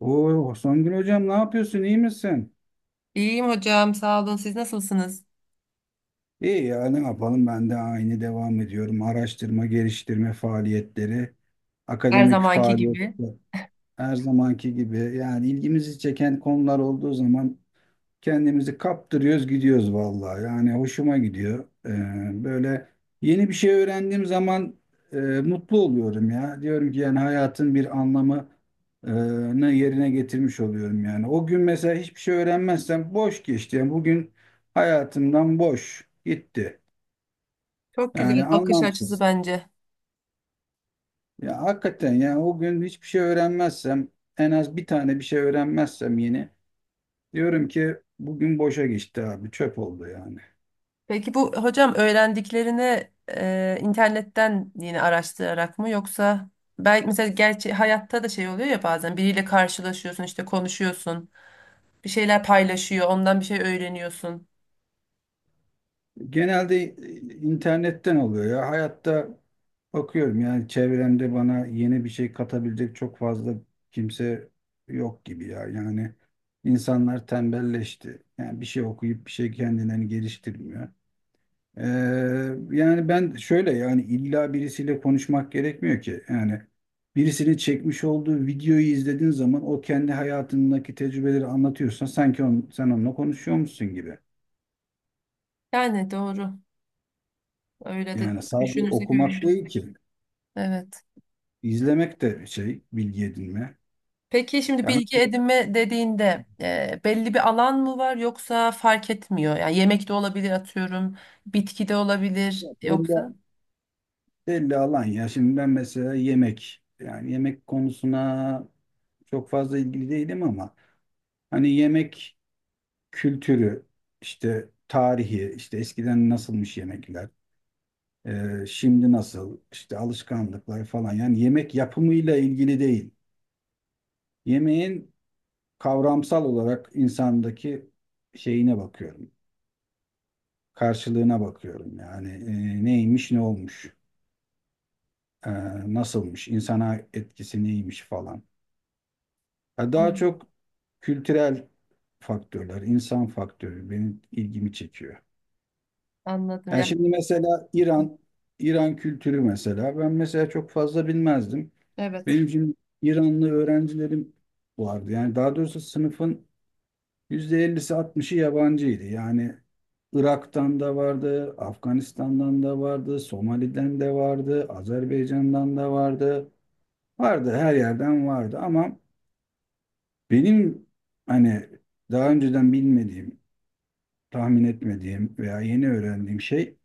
Oo, Songül hocam ne yapıyorsun? İyi misin? İyiyim hocam, sağ olun. Siz nasılsınız? İyi ya ne yapalım ben de aynı devam ediyorum. Araştırma, geliştirme faaliyetleri, Her akademik zamanki gibi. faaliyetler her zamanki gibi. Yani ilgimizi çeken konular olduğu zaman kendimizi kaptırıyoruz, gidiyoruz vallahi. Yani hoşuma gidiyor. Böyle yeni bir şey öğrendiğim zaman mutlu oluyorum ya. Diyorum ki yani hayatın bir anlamı e, ne yerine getirmiş oluyorum yani. O gün mesela hiçbir şey öğrenmezsem boş geçti. Yani bugün hayatımdan boş gitti. Çok güzel Yani bakış açısı anlamsız. bence. Ya hakikaten yani o gün hiçbir şey öğrenmezsem en az bir tane bir şey öğrenmezsem yeni diyorum ki bugün boşa geçti abi çöp oldu yani. Peki bu hocam öğrendiklerini internetten yine araştırarak mı yoksa belki mesela gerçi hayatta da şey oluyor ya bazen biriyle karşılaşıyorsun işte konuşuyorsun bir şeyler paylaşıyor ondan bir şey öğreniyorsun. Genelde internetten oluyor ya. Hayatta bakıyorum yani çevremde bana yeni bir şey katabilecek çok fazla kimse yok gibi ya. Yani insanlar tembelleşti. Yani bir şey okuyup bir şey kendilerini geliştirmiyor. Ee, yani ben şöyle yani illa birisiyle konuşmak gerekmiyor ki. Yani birisinin çekmiş olduğu videoyu izlediğin zaman o kendi hayatındaki tecrübeleri anlatıyorsan sanki sen onunla konuşuyormuşsun gibi. Yani doğru öyle de Yani sadece düşünürsek öyle. okumak değil ki. Evet. İzlemek de şey, bilgi edinme. Peki şimdi Yani bilgi mesela edinme dediğinde belli bir alan mı var yoksa fark etmiyor? Yani yemek de olabilir atıyorum, bitki de olabilir yoksa. belli, belli alan ya. Şimdi ben mesela yemek, yani yemek konusuna çok fazla ilgili değilim ama hani yemek kültürü, işte tarihi, işte eskiden nasılmış yemekler, şimdi nasıl, işte alışkanlıklar falan. Yani yemek yapımıyla ilgili değil. Yemeğin kavramsal olarak insandaki şeyine bakıyorum, karşılığına bakıyorum. Yani neymiş, ne olmuş. e, Nasılmış, insana etkisi neymiş falan. Ya daha Hmm. çok kültürel faktörler, insan faktörü benim ilgimi çekiyor. Anladım Yani yani. şimdi mesela İran kültürü mesela ben mesela çok fazla bilmezdim. Evet, Benim şimdi İranlı öğrencilerim vardı. Yani daha doğrusu sınıfın %50'si altmışı yabancıydı. Yani Irak'tan da vardı, Afganistan'dan da vardı, Somali'den de vardı, Azerbaycan'dan da vardı. Vardı her yerden vardı ama benim hani daha önceden bilmediğim, tahmin etmediğim veya yeni öğrendiğim şey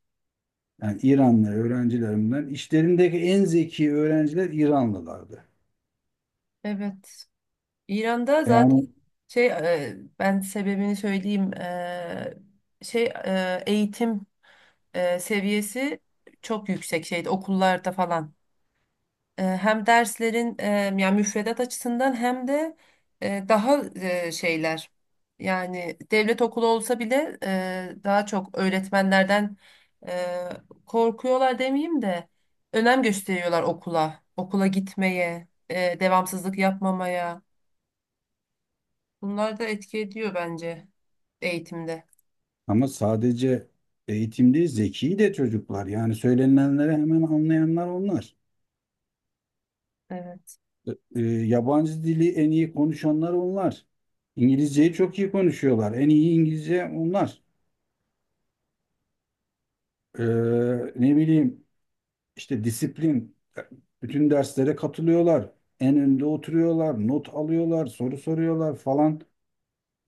yani İranlı öğrencilerimden işlerindeki en zeki öğrenciler İranlılardı. evet. İran'da zaten Yani ben sebebini söyleyeyim. Eğitim seviyesi çok yüksek şeyde okullarda falan. Hem derslerin yani müfredat açısından hem de daha şeyler yani devlet okulu olsa bile daha çok öğretmenlerden e, korkuyorlar demeyeyim de önem gösteriyorlar okula, okula gitmeye, devamsızlık yapmamaya. Bunlar da etki ediyor bence eğitimde. ama sadece eğitim değil zeki de çocuklar yani söylenenleri hemen anlayanlar onlar. Evet. E, e, yabancı dili en iyi konuşanlar onlar. İngilizceyi çok iyi konuşuyorlar. En iyi İngilizce onlar. E, ne bileyim işte disiplin, bütün derslere katılıyorlar, en önde oturuyorlar, not alıyorlar, soru soruyorlar falan.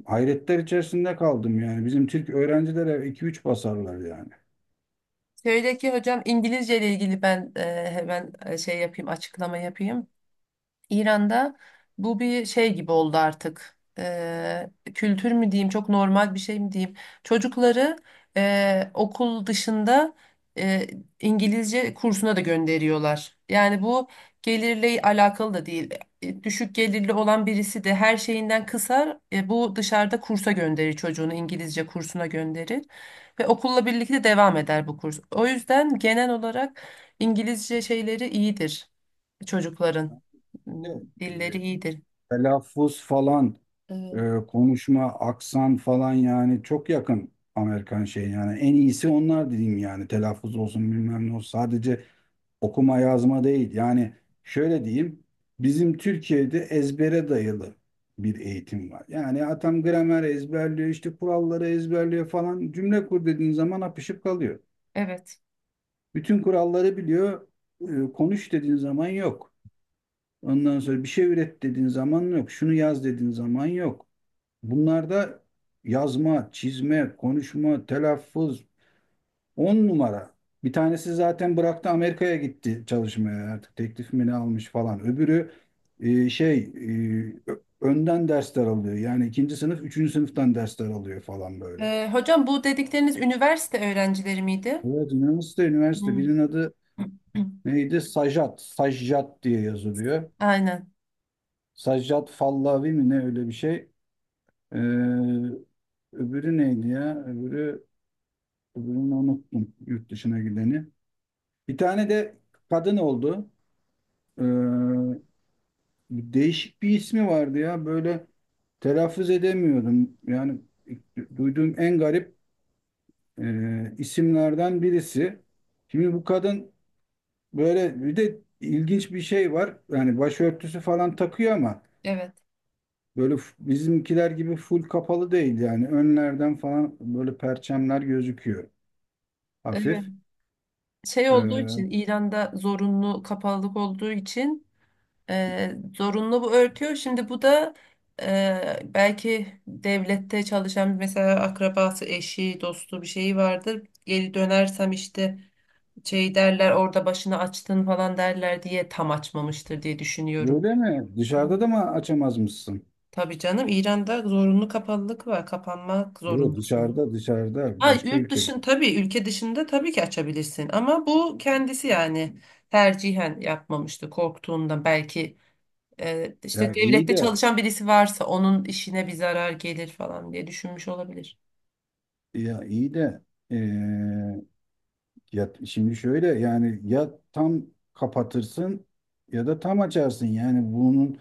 Hayretler içerisinde kaldım yani. Bizim Türk öğrencilere iki üç basarlar yani. Şöyle ki hocam İngilizce ile ilgili ben hemen şey yapayım açıklama yapayım. İran'da bu bir şey gibi oldu artık. Kültür mü diyeyim, çok normal bir şey mi diyeyim. Çocukları okul dışında eee, İngilizce kursuna da gönderiyorlar. Yani bu gelirle alakalı da değil. Düşük gelirli olan birisi de her şeyinden kısar. Bu dışarıda kursa gönderir çocuğunu, İngilizce kursuna gönderir. Ve okulla birlikte devam eder bu kurs. O yüzden genel olarak İngilizce şeyleri iyidir çocukların m, Böyle, e, dilleri iyidir. telaffuz falan, Evet. Konuşma, aksan falan yani çok yakın Amerikan şey yani. En iyisi onlar diyeyim yani. Telaffuz olsun bilmem ne olsun. Sadece okuma yazma değil. Yani şöyle diyeyim. Bizim Türkiye'de ezbere dayalı bir eğitim var. Yani atam gramer ezberliyor, işte kuralları ezberliyor falan. Cümle kur dediğin zaman apışıp kalıyor. Evet. Bütün kuralları biliyor. Konuş dediğin zaman yok. Ondan sonra bir şey üret dediğin zaman yok. Şunu yaz dediğin zaman yok. Bunlarda yazma, çizme, konuşma, telaffuz on numara. Bir tanesi zaten bıraktı, Amerika'ya gitti çalışmaya, artık teklif mi ne almış falan. Öbürü önden dersler alıyor. Yani ikinci sınıf, üçüncü sınıftan dersler alıyor falan böyle. Hocam bu dedikleriniz üniversite öğrencileri miydi? Evet üniversite, üniversite. Hmm. Birinin adı neydi? Sajat. Sajjat diye yazılıyor. Aynen. Sajjat Fallavi mi ne öyle bir şey. Ee, öbürü neydi ya? Öbürünü unuttum. Yurt dışına gideni. Bir tane de kadın oldu. Ee, değişik bir ismi vardı ya. Böyle telaffuz edemiyordum. Yani duyduğum en garip isimlerden birisi. Şimdi bu kadın böyle bir de ilginç bir şey var. Yani başörtüsü falan takıyor ama Evet. böyle bizimkiler gibi full kapalı değil yani. Önlerden falan böyle perçemler gözüküyor Evet. hafif. Şey olduğu Ee, için İran'da zorunlu kapalılık olduğu için zorunlu bu örtüyor. Şimdi bu da belki devlette çalışan mesela akrabası, eşi, dostu bir şeyi vardır. Geri dönersem işte şey derler orada başını açtın falan derler diye tam açmamıştır diye düşünüyorum. böyle mi? Dışarıda da mı açamaz mısın? Tabii canım, İran'da zorunlu kapalılık var. Kapanmak Yok, zorundasın. dışarıda, dışarıda Ha, başka yurt ülkede. dışın tabii, ülke dışında tabii ki açabilirsin ama bu kendisi yani tercihen yapmamıştı korktuğundan belki işte Ya iyi devlette de çalışan birisi varsa onun işine bir zarar gelir falan diye düşünmüş olabilir. ya iyi de eee, ya şimdi şöyle yani ya tam kapatırsın ya da tam açarsın. Yani bunun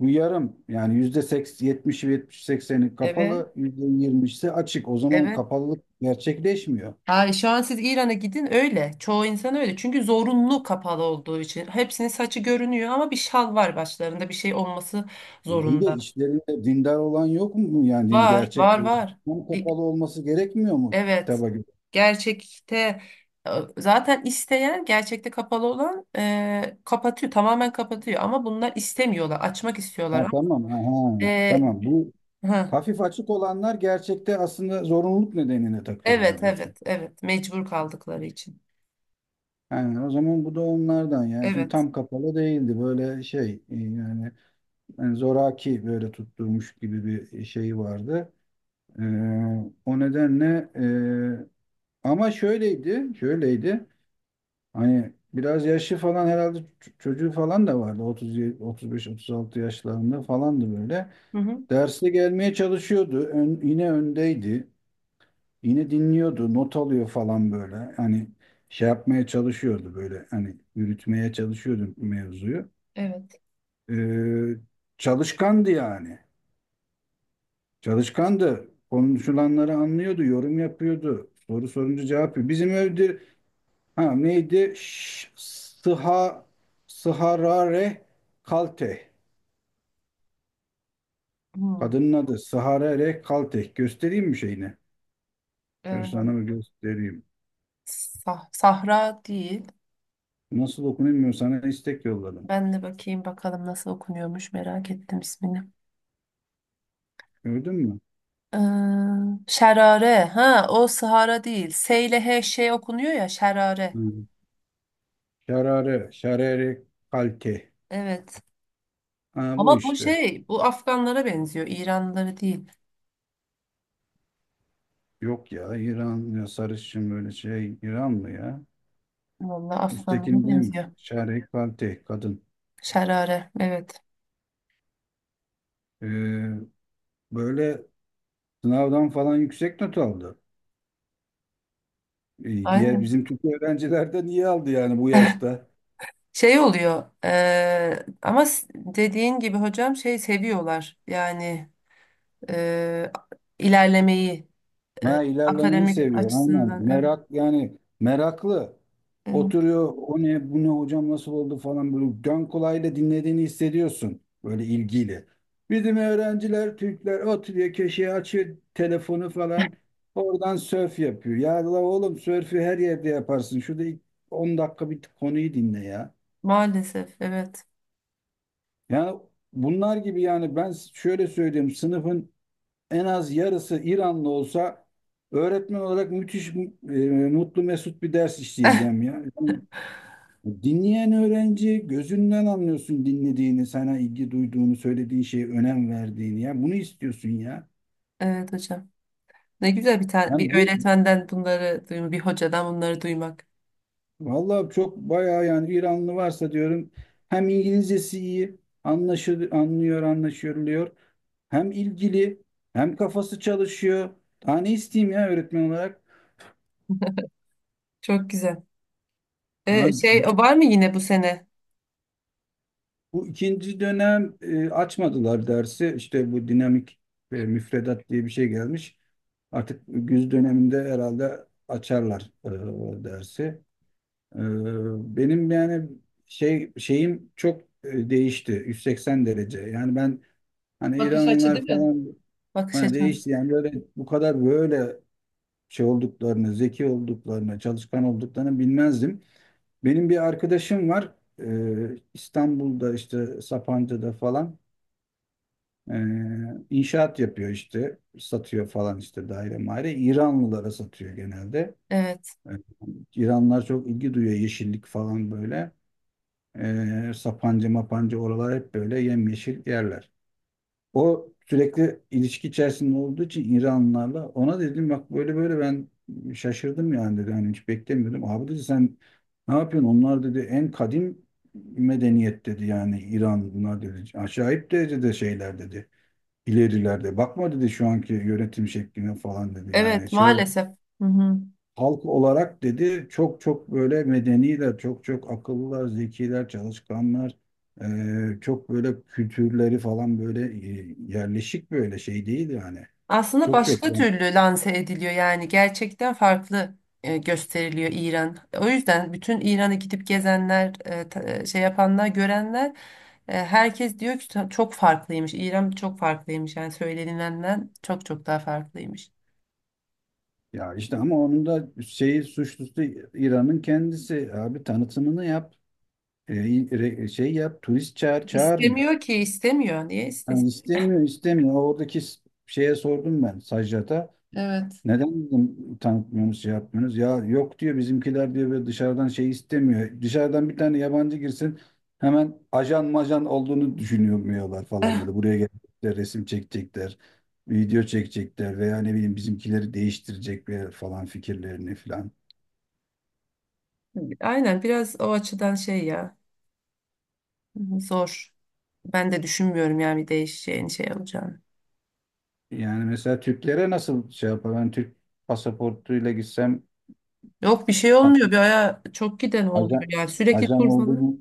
bu yarım yani yüzde 70 70 sekseni Evet. kapalı yüzde 20'si açık. O zaman Evet. kapalılık gerçekleşmiyor. Ha, şu an siz İran'a gidin öyle. Çoğu insan öyle. Çünkü zorunlu kapalı olduğu için. Hepsinin saçı görünüyor ama bir şal var başlarında. Bir şey olması İyi de zorunda. işlerinde dindar olan yok mu yani din Var, gerçek var, var. tam Bir- kapalı olması gerekmiyor mu Evet. kitaba göre? Gerçekte e, zaten isteyen gerçekte kapalı olan kapatıyor. Tamamen kapatıyor. Ama bunlar istemiyorlar. Açmak istiyorlar. Ha, Ama tamam, ha, ha, E, tamam, bu ha, hafif açık olanlar gerçekte aslında zorunluluk nedeniyle evet, takıyorlar diyorsun. evet, evet. Mecbur kaldıkları için. Yani o zaman bu da onlardan yani çünkü Evet. tam kapalı değildi böyle şey yani, zoraki böyle tutturmuş gibi bir şeyi vardı. E, O nedenle ama şöyleydi hani biraz yaşlı falan herhalde çocuğu falan da vardı 30 35 36 yaşlarında falandı böyle. Hı hı, Derste gelmeye çalışıyordu. Yine öndeydi. Yine dinliyordu, not alıyor falan böyle. Hani şey yapmaya çalışıyordu böyle. Hani yürütmeye çalışıyordu mevzuyu. evet. Ee, çalışkandı yani. Çalışkandı. Konuşulanları anlıyordu, yorum yapıyordu. Soru sorunca cevap veriyor. Bizim evde ha neydi? Sıharare Kalteh. Hmm. Kadının adı Sıharare Kalteh. Göstereyim mi şeyini? Ben E, sana mı göstereyim? Sahra değil. Nasıl okunuyor bilmiyorum. Sana istek yolladım. Ben de bakayım bakalım nasıl okunuyormuş, merak ettim ismini. Gördün mü? Ee, Şerare. Ha, o Sahara değil. S ile H şey okunuyor ya, Şerare. Hı. Şarare, şarere kalte. Evet. Ha, bu Ama bu işte. şey, bu Afganlara benziyor. İranlıları değil. Yok ya, İran ya, sarışın böyle şey, İran mı ya? Vallahi Afganlara Üsttekini değil mi? benziyor. Şare kalte kadın. Şerare. Evet. Ee, böyle sınavdan falan yüksek not aldı. İyi, diğer Aynen. bizim Türk öğrenciler de niye aldı yani bu yaşta? Şey oluyor. Dediğin gibi hocam şey seviyorlar. Yani ee, ilerlemeyi, ee, Ha, ilerlemeyi akademik seviyor aynen. açısından. Evet. Merak yani meraklı. Evet. Oturuyor, o ne bu ne hocam nasıl oldu falan böyle dön kulağıyla dinlediğini hissediyorsun böyle ilgiyle. Bizim öğrenciler Türkler oturuyor köşeye açıyor telefonu falan, oradan sörf yapıyor. Ya la oğlum, sörfü her yerde yaparsın. Şurada ilk 10 dakika bir konuyu dinle ya. Maalesef evet. Yani bunlar gibi yani ben şöyle söyleyeyim, sınıfın en az yarısı İranlı olsa öğretmen olarak müthiş e, mutlu mesut bir ders işleyeceğim ya. Yani dinleyen öğrenci gözünden anlıyorsun dinlediğini, sana ilgi duyduğunu, söylediği şeye önem verdiğini ya. Bunu istiyorsun ya. Evet hocam. Ne güzel bir tane Yani bir bu öğretmenden bunları duymak, bir hocadan bunları duymak. vallahi çok bayağı yani İranlı varsa diyorum hem İngilizcesi iyi, anlaşılıyor, anlıyor, anlaşılıyor. Hem ilgili, hem kafası çalışıyor. Daha ne isteyeyim ya öğretmen olarak? Çok güzel. Ha, Şey, o Bütün var mı yine bu sene? Bu ikinci dönem açmadılar dersi. İşte bu dinamik müfredat diye bir şey gelmiş. Artık güz döneminde herhalde açarlar o dersi. E, Benim yani şeyim çok değişti. 180 derece. Yani ben hani Bakış açı İranlılar değil mi? falan Bakış hani açınız. değişti. Yani böyle bu kadar böyle şey olduklarını, zeki olduklarını, çalışkan olduklarını bilmezdim. Benim bir arkadaşım var. İstanbul'da işte Sapanca'da falan. Ee, inşaat yapıyor işte, satıyor falan işte daire maire. İranlılara satıyor genelde. Evet. Ee, İranlılar çok ilgi duyuyor yeşillik falan böyle. Sapanca mapanca oralar hep böyle yemyeşil yerler. O sürekli ilişki içerisinde olduğu için İranlılarla ona dedim bak böyle böyle ben şaşırdım yani dedi. Hani hiç beklemiyordum. Abi dedi sen ne yapıyorsun? Onlar dedi en kadim medeniyet dedi yani İran bunlar dedi. Acayip derecede şeyler dedi ilerilerde. Bakma dedi şu anki yönetim şekline falan dedi. Yani Evet, şey olarak, maalesef. Hı hı. halk olarak dedi çok çok böyle medeniler, çok çok akıllılar, zekiler, çalışkanlar. Çok böyle kültürleri falan böyle yerleşik böyle şey değil yani. Aslında Çok çok başka yani. türlü lanse ediliyor, yani gerçekten farklı gösteriliyor İran. O yüzden bütün İran'ı gidip gezenler, şey yapanlar, görenler, herkes diyor ki çok farklıymış. İran çok farklıymış yani söylenilenden çok çok daha farklıymış. Ya işte ama onun da şeyi suçlusu İran'ın kendisi. Abi tanıtımını yap. e, Şey yap. Turist çağır, çağırmıyor. İstemiyor ki, istemiyor. Niye Yani istesin? istemiyor istemiyor. Oradaki şeye sordum ben Sajjat'a. Evet. Neden bizim tanıtmıyorsunuz, şey yapmıyorsunuz? Ya yok diyor bizimkiler diyor ve dışarıdan şey istemiyor. Dışarıdan bir tane yabancı girsin hemen ajan majan olduğunu düşünüyorlar falan Eh. böyle. Buraya gelecekler, resim çekecekler, video çekecekler veya ne bileyim bizimkileri değiştirecek ve falan fikirlerini falan. Aynen, biraz o açıdan şey ya, zor. Ben de düşünmüyorum yani bir değişeceğini, şey olacağını. Yani mesela Türklere nasıl şey yapar? Ben Türk pasaportuyla gitsem Yok, bir şey olmuyor. Bir aya çok giden oluyor, ajan, yani sürekli ajan tur falan. olduğunu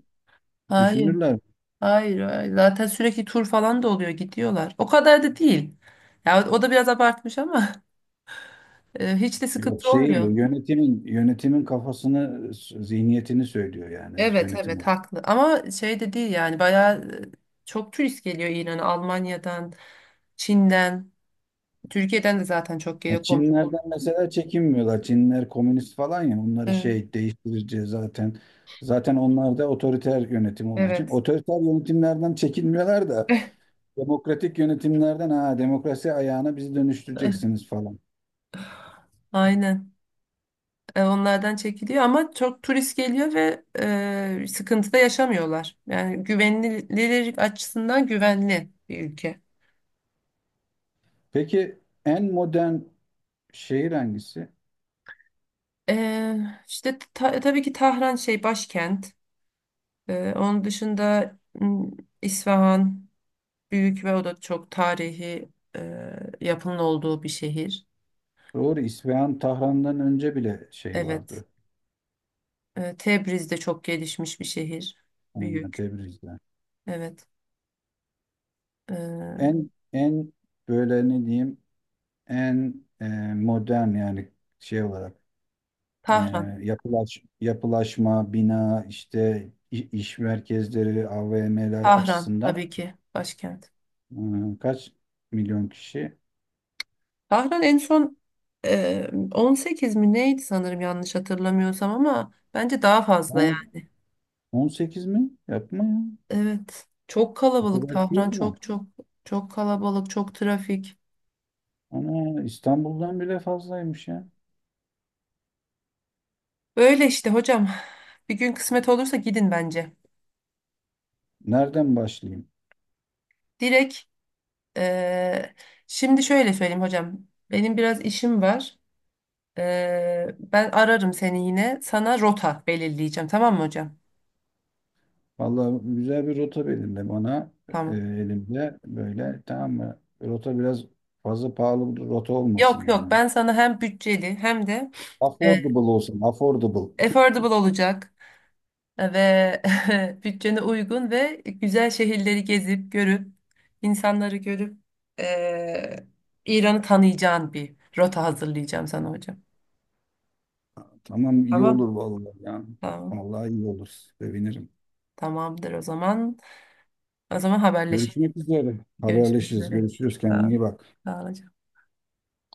Hayır, düşünürler. hayır, hayır. Zaten sürekli tur falan da oluyor, gidiyorlar. O kadar da değil. Ya o da biraz abartmış ama hiç de Yok sıkıntı şey diyor olmuyor. yönetimin kafasını, zihniyetini söylüyor yani Evet, yönetim evet, olarak. haklı ama şey de değil yani bayağı çok turist geliyor İran'a, Almanya'dan, Çin'den. Türkiye'den de zaten çok Ya geliyor, komşu. Çinlerden mesela çekinmiyorlar. Çinler komünist falan ya, onları Evet. şey değiştirici zaten. Zaten onlar da otoriter yönetim olduğu için Evet. otoriter yönetimlerden çekinmiyorlar da demokratik yönetimlerden, ha demokrasi ayağına bizi dönüştüreceksiniz falan. Aynen. Onlardan çekiliyor ama çok turist geliyor ve sıkıntı da yaşamıyorlar. Yani güvenilir açısından güvenli bir ülke. Peki en modern şehir hangisi? E, tabii ki Tahran şey, başkent. Onun dışında İsfahan büyük ve o da çok tarihi e, yapının olduğu bir şehir. Doğru, İsfahan Tahran'dan önce bile şey Evet. vardı. Tebriz de çok gelişmiş bir şehir. Yani Büyük. Tebriz'de. Evet. Ee, En böyle ne diyeyim en modern yani şey olarak, e, Tahran. yapılaş, yapılaşma, bina işte iş merkezleri, AVM'ler Tahran açısından tabii ki başkent. Kaç milyon kişi? Tahran en son 18 mi neydi sanırım, yanlış hatırlamıyorsam, ama bence daha fazla Ha, yani. 18 mi? Yapma ya. Evet. Çok O kalabalık kadar ki Tahran, yok mu? çok kalabalık, çok trafik. Ana İstanbul'dan bile fazlaymış ya. Böyle işte hocam bir gün kısmet olursa gidin bence. Nereden başlayayım? Direkt e, şimdi şöyle söyleyeyim hocam, benim biraz işim var. Ben ararım seni, yine sana rota belirleyeceğim, tamam mı hocam? Vallahi güzel bir rota belirle bana, Tamam. elimde böyle, tamam mı? Rota biraz fazla pahalı bir rota olmasın Yok yok, yani. ben sana hem bütçeli hem de e, Affordable olsun, affordable. affordable olacak ve bütçene uygun ve güzel şehirleri gezip görüp insanları görüp e, İran'ı tanıyacağın bir rota hazırlayacağım sana hocam. Tamam, iyi olur Tamam. vallahi ya. Tamam. Vallahi iyi olur. Sevinirim. Tamamdır o zaman. O zaman haberleşelim. Görüşmek üzere. Görüşmek Haberleşiriz. üzere. Görüşürüz. Sağ Kendine ol. iyi bak. Sağ ol hocam.